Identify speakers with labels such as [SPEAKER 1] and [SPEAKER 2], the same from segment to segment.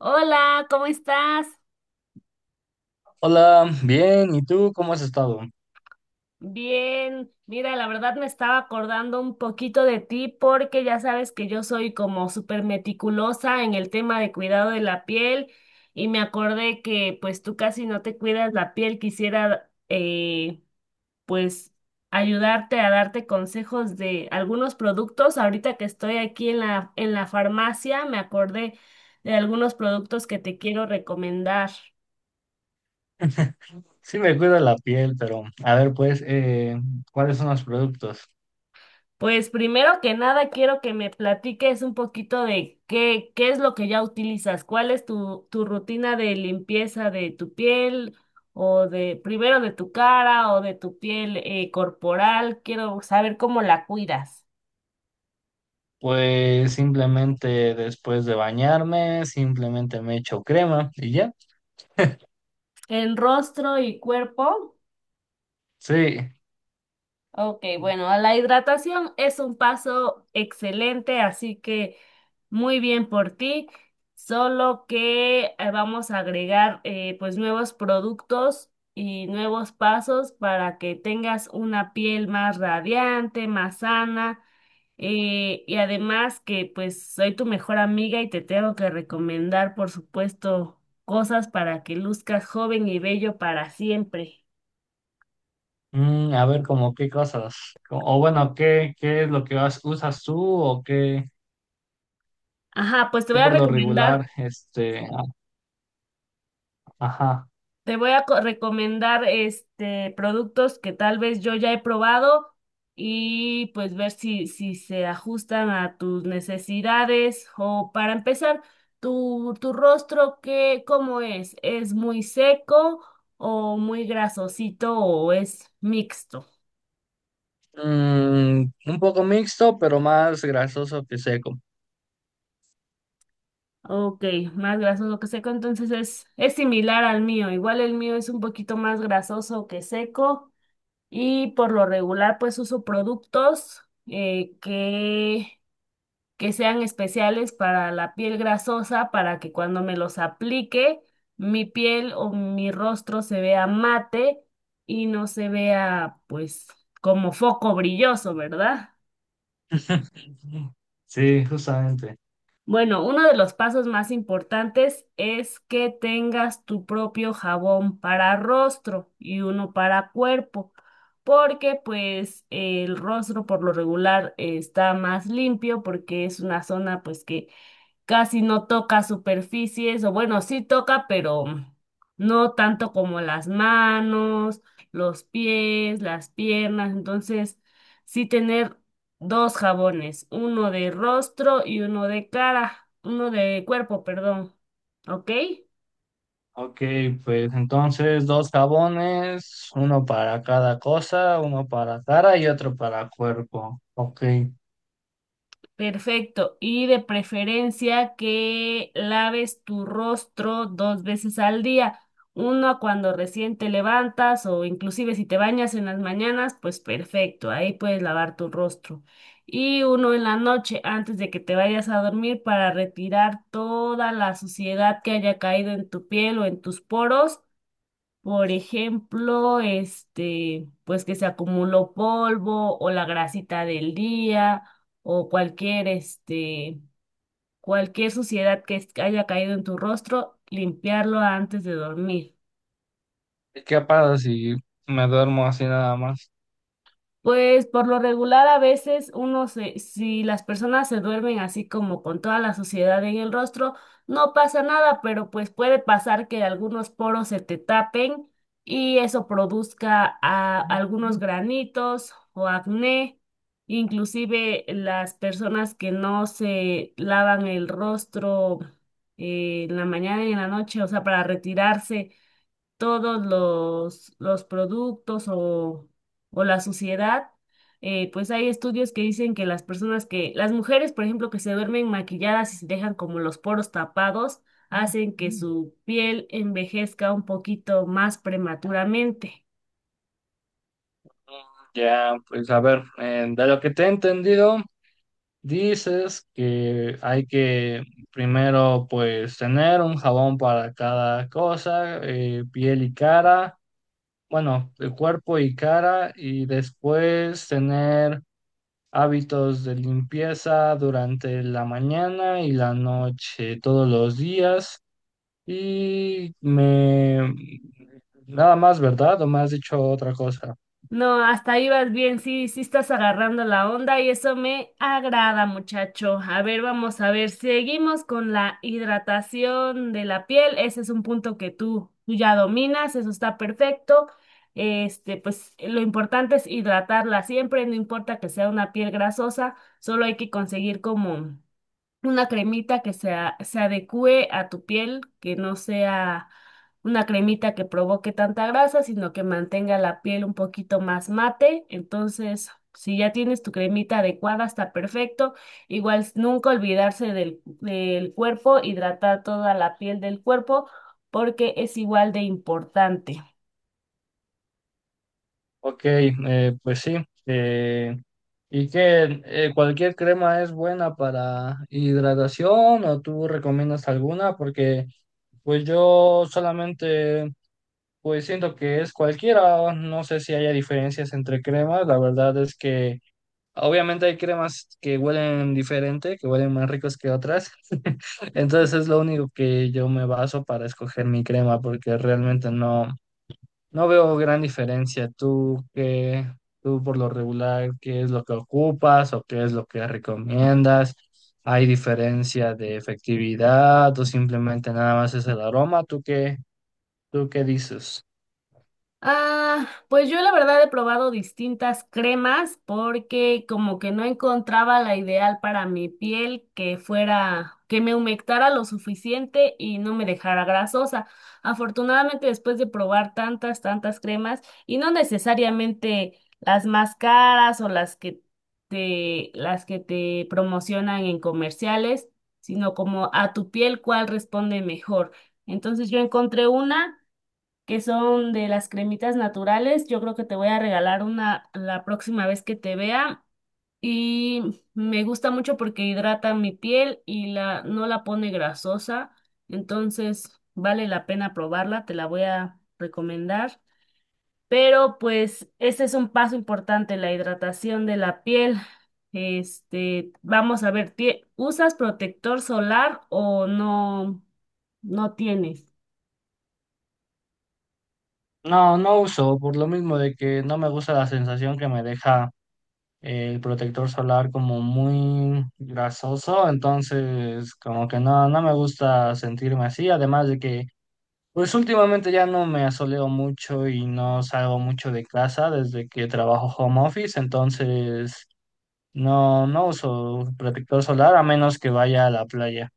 [SPEAKER 1] Hola, ¿cómo estás?
[SPEAKER 2] Hola, bien, ¿y tú cómo has estado?
[SPEAKER 1] Bien, mira, la verdad me estaba acordando un poquito de ti porque ya sabes que yo soy como súper meticulosa en el tema de cuidado de la piel y me acordé que pues tú casi no te cuidas la piel, quisiera pues ayudarte a darte consejos de algunos productos. Ahorita que estoy aquí en la farmacia, me acordé de algunos productos que te quiero recomendar.
[SPEAKER 2] Sí me cuido la piel, pero a ver, pues, ¿cuáles son los productos?
[SPEAKER 1] Pues primero que nada quiero que me platiques un poquito de qué es lo que ya utilizas, cuál es tu rutina de limpieza de tu piel o de primero de tu cara o de tu piel corporal. Quiero saber cómo la cuidas
[SPEAKER 2] Pues simplemente después de bañarme, simplemente me echo crema y ya.
[SPEAKER 1] en rostro y cuerpo.
[SPEAKER 2] Sí.
[SPEAKER 1] Ok, bueno, la hidratación es un paso excelente, así que muy bien por ti, solo que vamos a agregar pues nuevos productos y nuevos pasos para que tengas una piel más radiante, más sana, y además que pues soy tu mejor amiga y te tengo que recomendar, por supuesto, cosas para que luzcas joven y bello para siempre.
[SPEAKER 2] Mm, a ver, como qué cosas, o bueno, ¿qué es lo que usas tú o qué,
[SPEAKER 1] Ajá, pues te
[SPEAKER 2] qué
[SPEAKER 1] voy a
[SPEAKER 2] por lo regular,
[SPEAKER 1] recomendar.
[SPEAKER 2] ajá.
[SPEAKER 1] Te voy a recomendar este productos que tal vez yo ya he probado y pues ver si se ajustan a tus necesidades. O para empezar, tu rostro, ¿cómo es? ¿Es muy seco o muy grasosito o es mixto?
[SPEAKER 2] Mm, un poco mixto, pero más grasoso que seco.
[SPEAKER 1] Ok, más grasoso que seco, entonces es similar al mío. Igual el mío es un poquito más grasoso que seco. Y por lo regular, pues uso productos que sean especiales para la piel grasosa, para que cuando me los aplique, mi piel o mi rostro se vea mate y no se vea, pues, como foco brilloso, ¿verdad?
[SPEAKER 2] Sí, justamente.
[SPEAKER 1] Bueno, uno de los pasos más importantes es que tengas tu propio jabón para rostro y uno para cuerpo, porque pues el rostro por lo regular está más limpio porque es una zona pues que casi no toca superficies, o bueno, sí toca, pero no tanto como las manos, los pies, las piernas. Entonces, sí, tener dos jabones, uno de rostro y uno de cara, uno de cuerpo, perdón. ¿Ok?
[SPEAKER 2] Ok, pues entonces dos jabones, uno para cada cosa, uno para cara y otro para cuerpo. Ok.
[SPEAKER 1] Perfecto. Y de preferencia que laves tu rostro dos veces al día. Una cuando recién te levantas o inclusive si te bañas en las mañanas, pues perfecto, ahí puedes lavar tu rostro. Y uno en la noche antes de que te vayas a dormir para retirar toda la suciedad que haya caído en tu piel o en tus poros, por ejemplo, pues que se acumuló polvo o la grasita del día o cualquier suciedad que haya caído en tu rostro, limpiarlo antes de dormir.
[SPEAKER 2] ¿Qué pasa si me duermo así nada más?
[SPEAKER 1] Pues por lo regular a veces si las personas se duermen así como con toda la suciedad en el rostro, no pasa nada, pero pues puede pasar que algunos poros se te tapen y eso produzca algunos granitos o acné. Inclusive las personas que no se lavan el rostro en la mañana y en la noche, o sea, para retirarse todos los productos o la suciedad, pues hay estudios que dicen que las personas que, las mujeres, por ejemplo, que se duermen maquilladas y se dejan como los poros tapados, hacen que su piel envejezca un poquito más prematuramente.
[SPEAKER 2] Ya, pues a ver, de lo que te he entendido, dices que hay que primero pues tener un jabón para cada cosa, piel y cara, bueno, el cuerpo y cara, y después tener hábitos de limpieza durante la mañana y la noche, todos los días. Y me... Nada más, ¿verdad? ¿O me has dicho otra cosa?
[SPEAKER 1] No, hasta ahí vas bien, sí, sí estás agarrando la onda y eso me agrada, muchacho. A ver, vamos a ver, seguimos con la hidratación de la piel. Ese es un punto que tú ya dominas, eso está perfecto. Este, pues lo importante es hidratarla siempre, no importa que sea una piel grasosa, solo hay que conseguir como una cremita se adecue a tu piel, que no sea una cremita que provoque tanta grasa, sino que mantenga la piel un poquito más mate. Entonces, si ya tienes tu cremita adecuada, está perfecto. Igual nunca olvidarse del cuerpo, hidratar toda la piel del cuerpo, porque es igual de importante.
[SPEAKER 2] Ok, pues sí, eh, ¿y qué? ¿Cualquier crema es buena para hidratación o tú recomiendas alguna? Porque pues yo solamente... Pues siento que es cualquiera, no sé si haya diferencias entre cremas, la verdad es que obviamente hay cremas que huelen diferente, que huelen más ricos que otras. Entonces es lo único que yo me baso para escoger mi crema, porque realmente no veo gran diferencia. Tú por lo regular, ¿qué es lo que ocupas o qué es lo que recomiendas? ¿Hay diferencia de efectividad o simplemente nada más es el aroma? ¿Tú qué dices?
[SPEAKER 1] Ah, pues yo la verdad he probado distintas cremas porque como que no encontraba la ideal para mi piel que fuera, que me humectara lo suficiente y no me dejara grasosa. Afortunadamente después de probar tantas cremas y no necesariamente las más caras o las que te promocionan en comerciales, sino como a tu piel cuál responde mejor. Entonces yo encontré una que son de las cremitas naturales. Yo creo que te voy a regalar una la próxima vez que te vea. Y me gusta mucho porque hidrata mi piel no la pone grasosa. Entonces vale la pena probarla, te la voy a recomendar. Pero pues este es un paso importante, la hidratación de la piel. Este, vamos a ver, ¿usas protector solar o no, no tienes?
[SPEAKER 2] No, no uso, por lo mismo de que no me gusta la sensación que me deja el protector solar como muy grasoso, entonces como que no me gusta sentirme así, además de que pues últimamente ya no me asoleo mucho y no salgo mucho de casa desde que trabajo home office, entonces no uso protector solar a menos que vaya a la playa.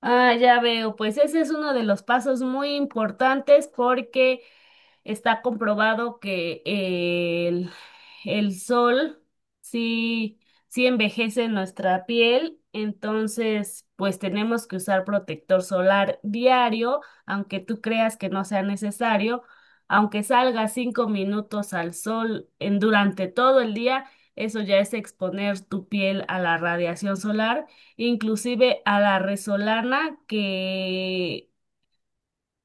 [SPEAKER 1] Ah, ya veo, pues ese es uno de los pasos muy importantes porque está comprobado que el sol sí, sí envejece nuestra piel, entonces pues tenemos que usar protector solar diario, aunque tú creas que no sea necesario, aunque salga 5 minutos al sol durante todo el día, eso ya es exponer tu piel a la radiación solar, inclusive a la resolana, que,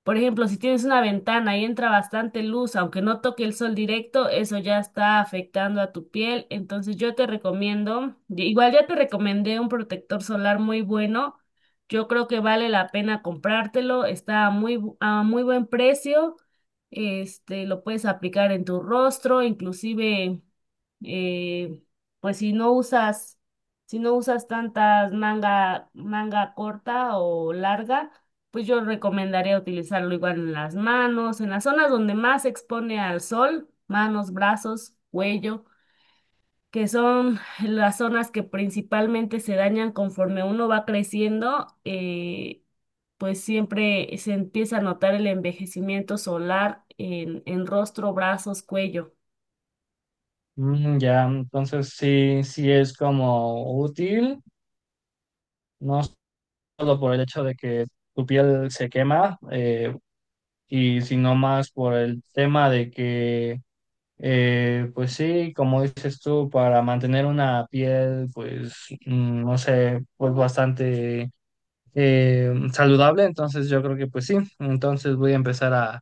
[SPEAKER 1] por ejemplo, si tienes una ventana y entra bastante luz, aunque no toque el sol directo, eso ya está afectando a tu piel. Entonces yo te recomiendo, igual ya te recomendé un protector solar muy bueno. Yo creo que vale la pena comprártelo. Está a a muy buen precio. Este, lo puedes aplicar en tu rostro, inclusive, eh, pues si no usas manga corta o larga, pues yo recomendaría utilizarlo igual en las manos, en las zonas donde más se expone al sol, manos, brazos, cuello, que son las zonas que principalmente se dañan conforme uno va creciendo, pues siempre se empieza a notar el envejecimiento solar en rostro, brazos, cuello.
[SPEAKER 2] Mm, ya, entonces sí, sí es como útil, no solo por el hecho de que tu piel se quema, y sino más por el tema de que, pues sí, como dices tú, para mantener una piel, pues, mm, no sé, pues bastante saludable, entonces yo creo que pues sí, entonces voy a empezar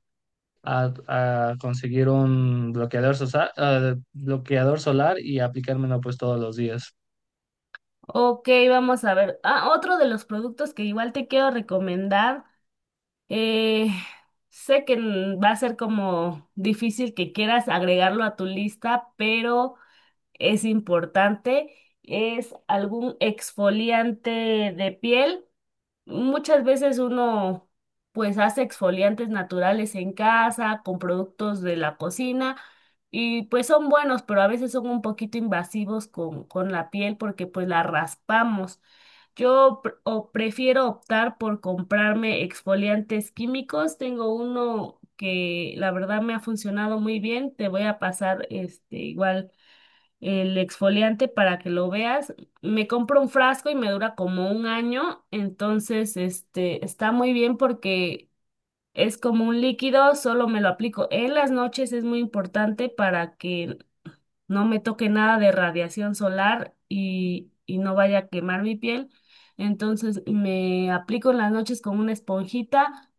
[SPEAKER 2] a- a conseguir un bloqueador, bloqueador solar y aplicármelo pues todos los días.
[SPEAKER 1] Ok, vamos a ver. Ah, otro de los productos que igual te quiero recomendar. Eh, Sé que va a ser como difícil que quieras agregarlo a tu lista, pero es importante. Es algún exfoliante de piel. Muchas veces uno pues hace exfoliantes naturales en casa con productos de la cocina y pues son buenos, pero a veces son un poquito invasivos con la piel porque pues la raspamos. Yo pr- o prefiero optar por comprarme exfoliantes químicos. Tengo uno que la verdad me ha funcionado muy bien. Te voy a pasar este, igual el exfoliante, para que lo veas. Me compro un frasco y me dura como un año. Entonces, este está muy bien porque es como un líquido, solo me lo aplico en las noches. Es muy importante para que no me toque nada de radiación solar y no vaya a quemar mi piel. Entonces me aplico en las noches con una esponjita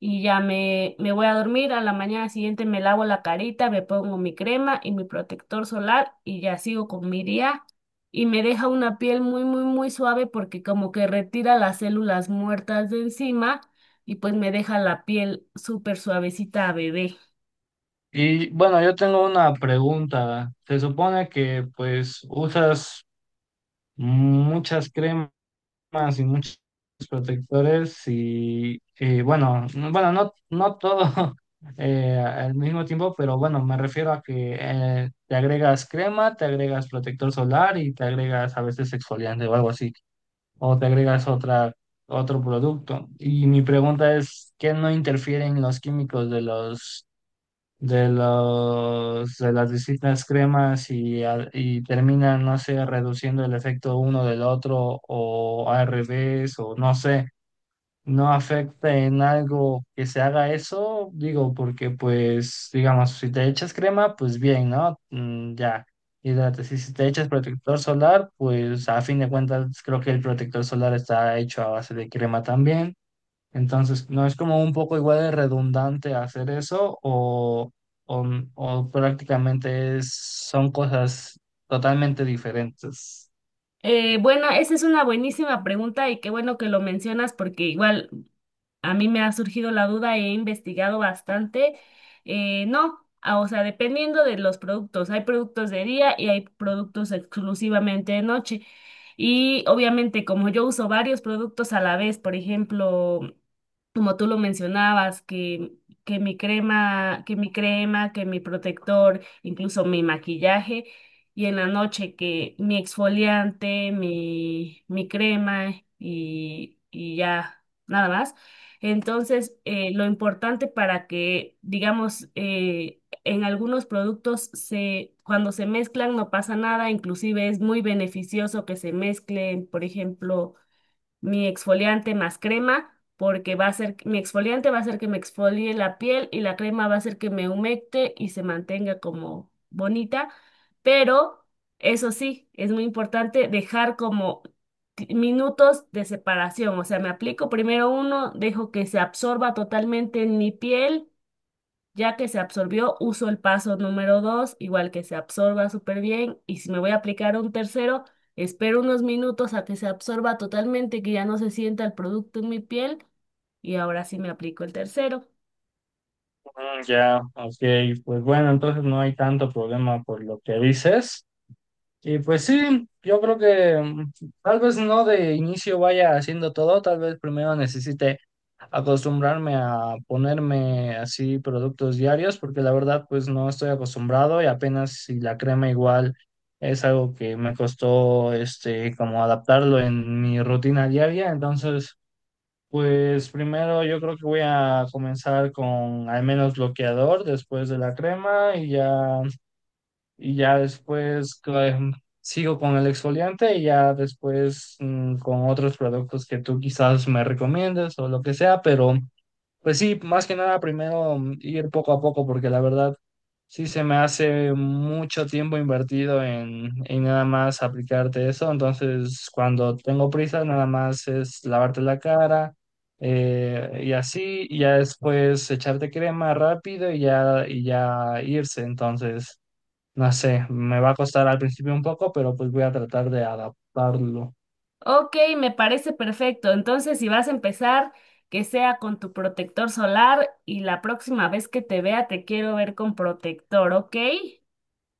[SPEAKER 1] y ya me voy a dormir. A la mañana siguiente me lavo la carita, me pongo mi crema y mi protector solar y ya sigo con mi día. Y me deja una piel muy, muy, muy suave porque como que retira las células muertas de encima y pues me deja la piel súper suavecita a bebé.
[SPEAKER 2] Y bueno, yo tengo una pregunta. Se supone que pues usas muchas cremas más y muchos protectores y, bueno, bueno, no todo al mismo tiempo, pero bueno, me refiero a que te agregas crema, te agregas protector solar y te agregas a veces exfoliante o algo así, o te agregas otro producto. Y mi pregunta es, ¿qué no interfieren los químicos de los de las distintas cremas y y terminan, no sé, reduciendo el efecto uno del otro o al revés o no sé, no afecta en algo que se haga eso, digo, porque pues, digamos, si te echas crema, pues bien, ¿no? Mm, ya. Y si te echas protector solar, pues a fin de cuentas creo que el protector solar está hecho a base de crema también. Entonces, ¿no es como un poco igual de redundante hacer eso o, o prácticamente son cosas totalmente diferentes?
[SPEAKER 1] Bueno, esa es una buenísima pregunta y qué bueno que lo mencionas porque igual a mí me ha surgido la duda, he investigado bastante. No, ah, O sea, dependiendo de los productos, hay productos de día y hay productos exclusivamente de noche. Y obviamente como yo uso varios productos a la vez, por ejemplo, como tú lo mencionabas, que mi crema, que mi protector, incluso mi maquillaje, y en la noche que mi exfoliante, mi crema y ya nada más. Entonces, lo importante para que, digamos, en algunos productos cuando se mezclan no pasa nada, inclusive es muy beneficioso que se mezclen, por ejemplo, mi exfoliante más crema, porque va a ser, mi exfoliante va a hacer que me exfolie la piel y la crema va a hacer que me humecte y se mantenga como bonita, pero eso sí, es muy importante dejar como minutos de separación, o sea, me aplico primero uno, dejo que se absorba totalmente en mi piel. Ya que se absorbió, uso el paso número 2, igual que se absorba súper bien. Y si me voy a aplicar un tercero, espero unos minutos a que se absorba totalmente, que ya no se sienta el producto en mi piel. Y ahora sí me aplico el tercero.
[SPEAKER 2] Mm, ya, ok, pues bueno, entonces no hay tanto problema por lo que dices. Y pues sí, yo creo que mm, tal vez no de inicio vaya haciendo todo, tal vez primero necesite acostumbrarme a ponerme así productos diarios, porque la verdad pues no estoy acostumbrado y apenas si la crema igual es algo que me costó este como adaptarlo en mi rutina diaria, entonces pues primero yo creo que voy a comenzar con al menos bloqueador después de la crema y ya, y ya después sigo con el exfoliante y ya después mm, con otros productos que tú quizás me recomiendes o lo que sea, pero pues sí, más que nada primero mm, ir poco a poco porque la verdad sí se me hace mucho tiempo invertido en nada más aplicarte eso, entonces cuando tengo prisa nada más es lavarte la cara, y así, y ya después echarte crema rápido y ya irse. Entonces, no sé, me va a costar al principio un poco, pero pues voy a tratar de adaptarlo.
[SPEAKER 1] Ok, me parece perfecto. Entonces, si vas a empezar, que sea con tu protector solar y la próxima vez que te vea te quiero ver con protector, ¿ok?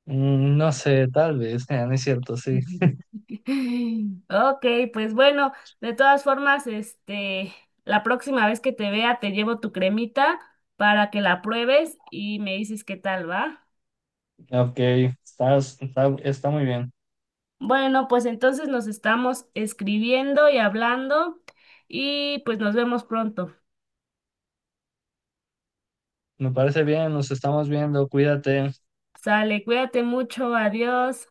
[SPEAKER 2] Mm, no sé, tal vez, no es cierto, sí.
[SPEAKER 1] Ok, pues bueno, de todas formas, este, la próxima vez que te vea te llevo tu cremita para que la pruebes y me dices qué tal va.
[SPEAKER 2] Ok, está muy bien.
[SPEAKER 1] Bueno, pues entonces nos estamos escribiendo y hablando y pues nos vemos pronto.
[SPEAKER 2] Me parece bien, nos estamos viendo, cuídate.
[SPEAKER 1] Sale, cuídate mucho, adiós.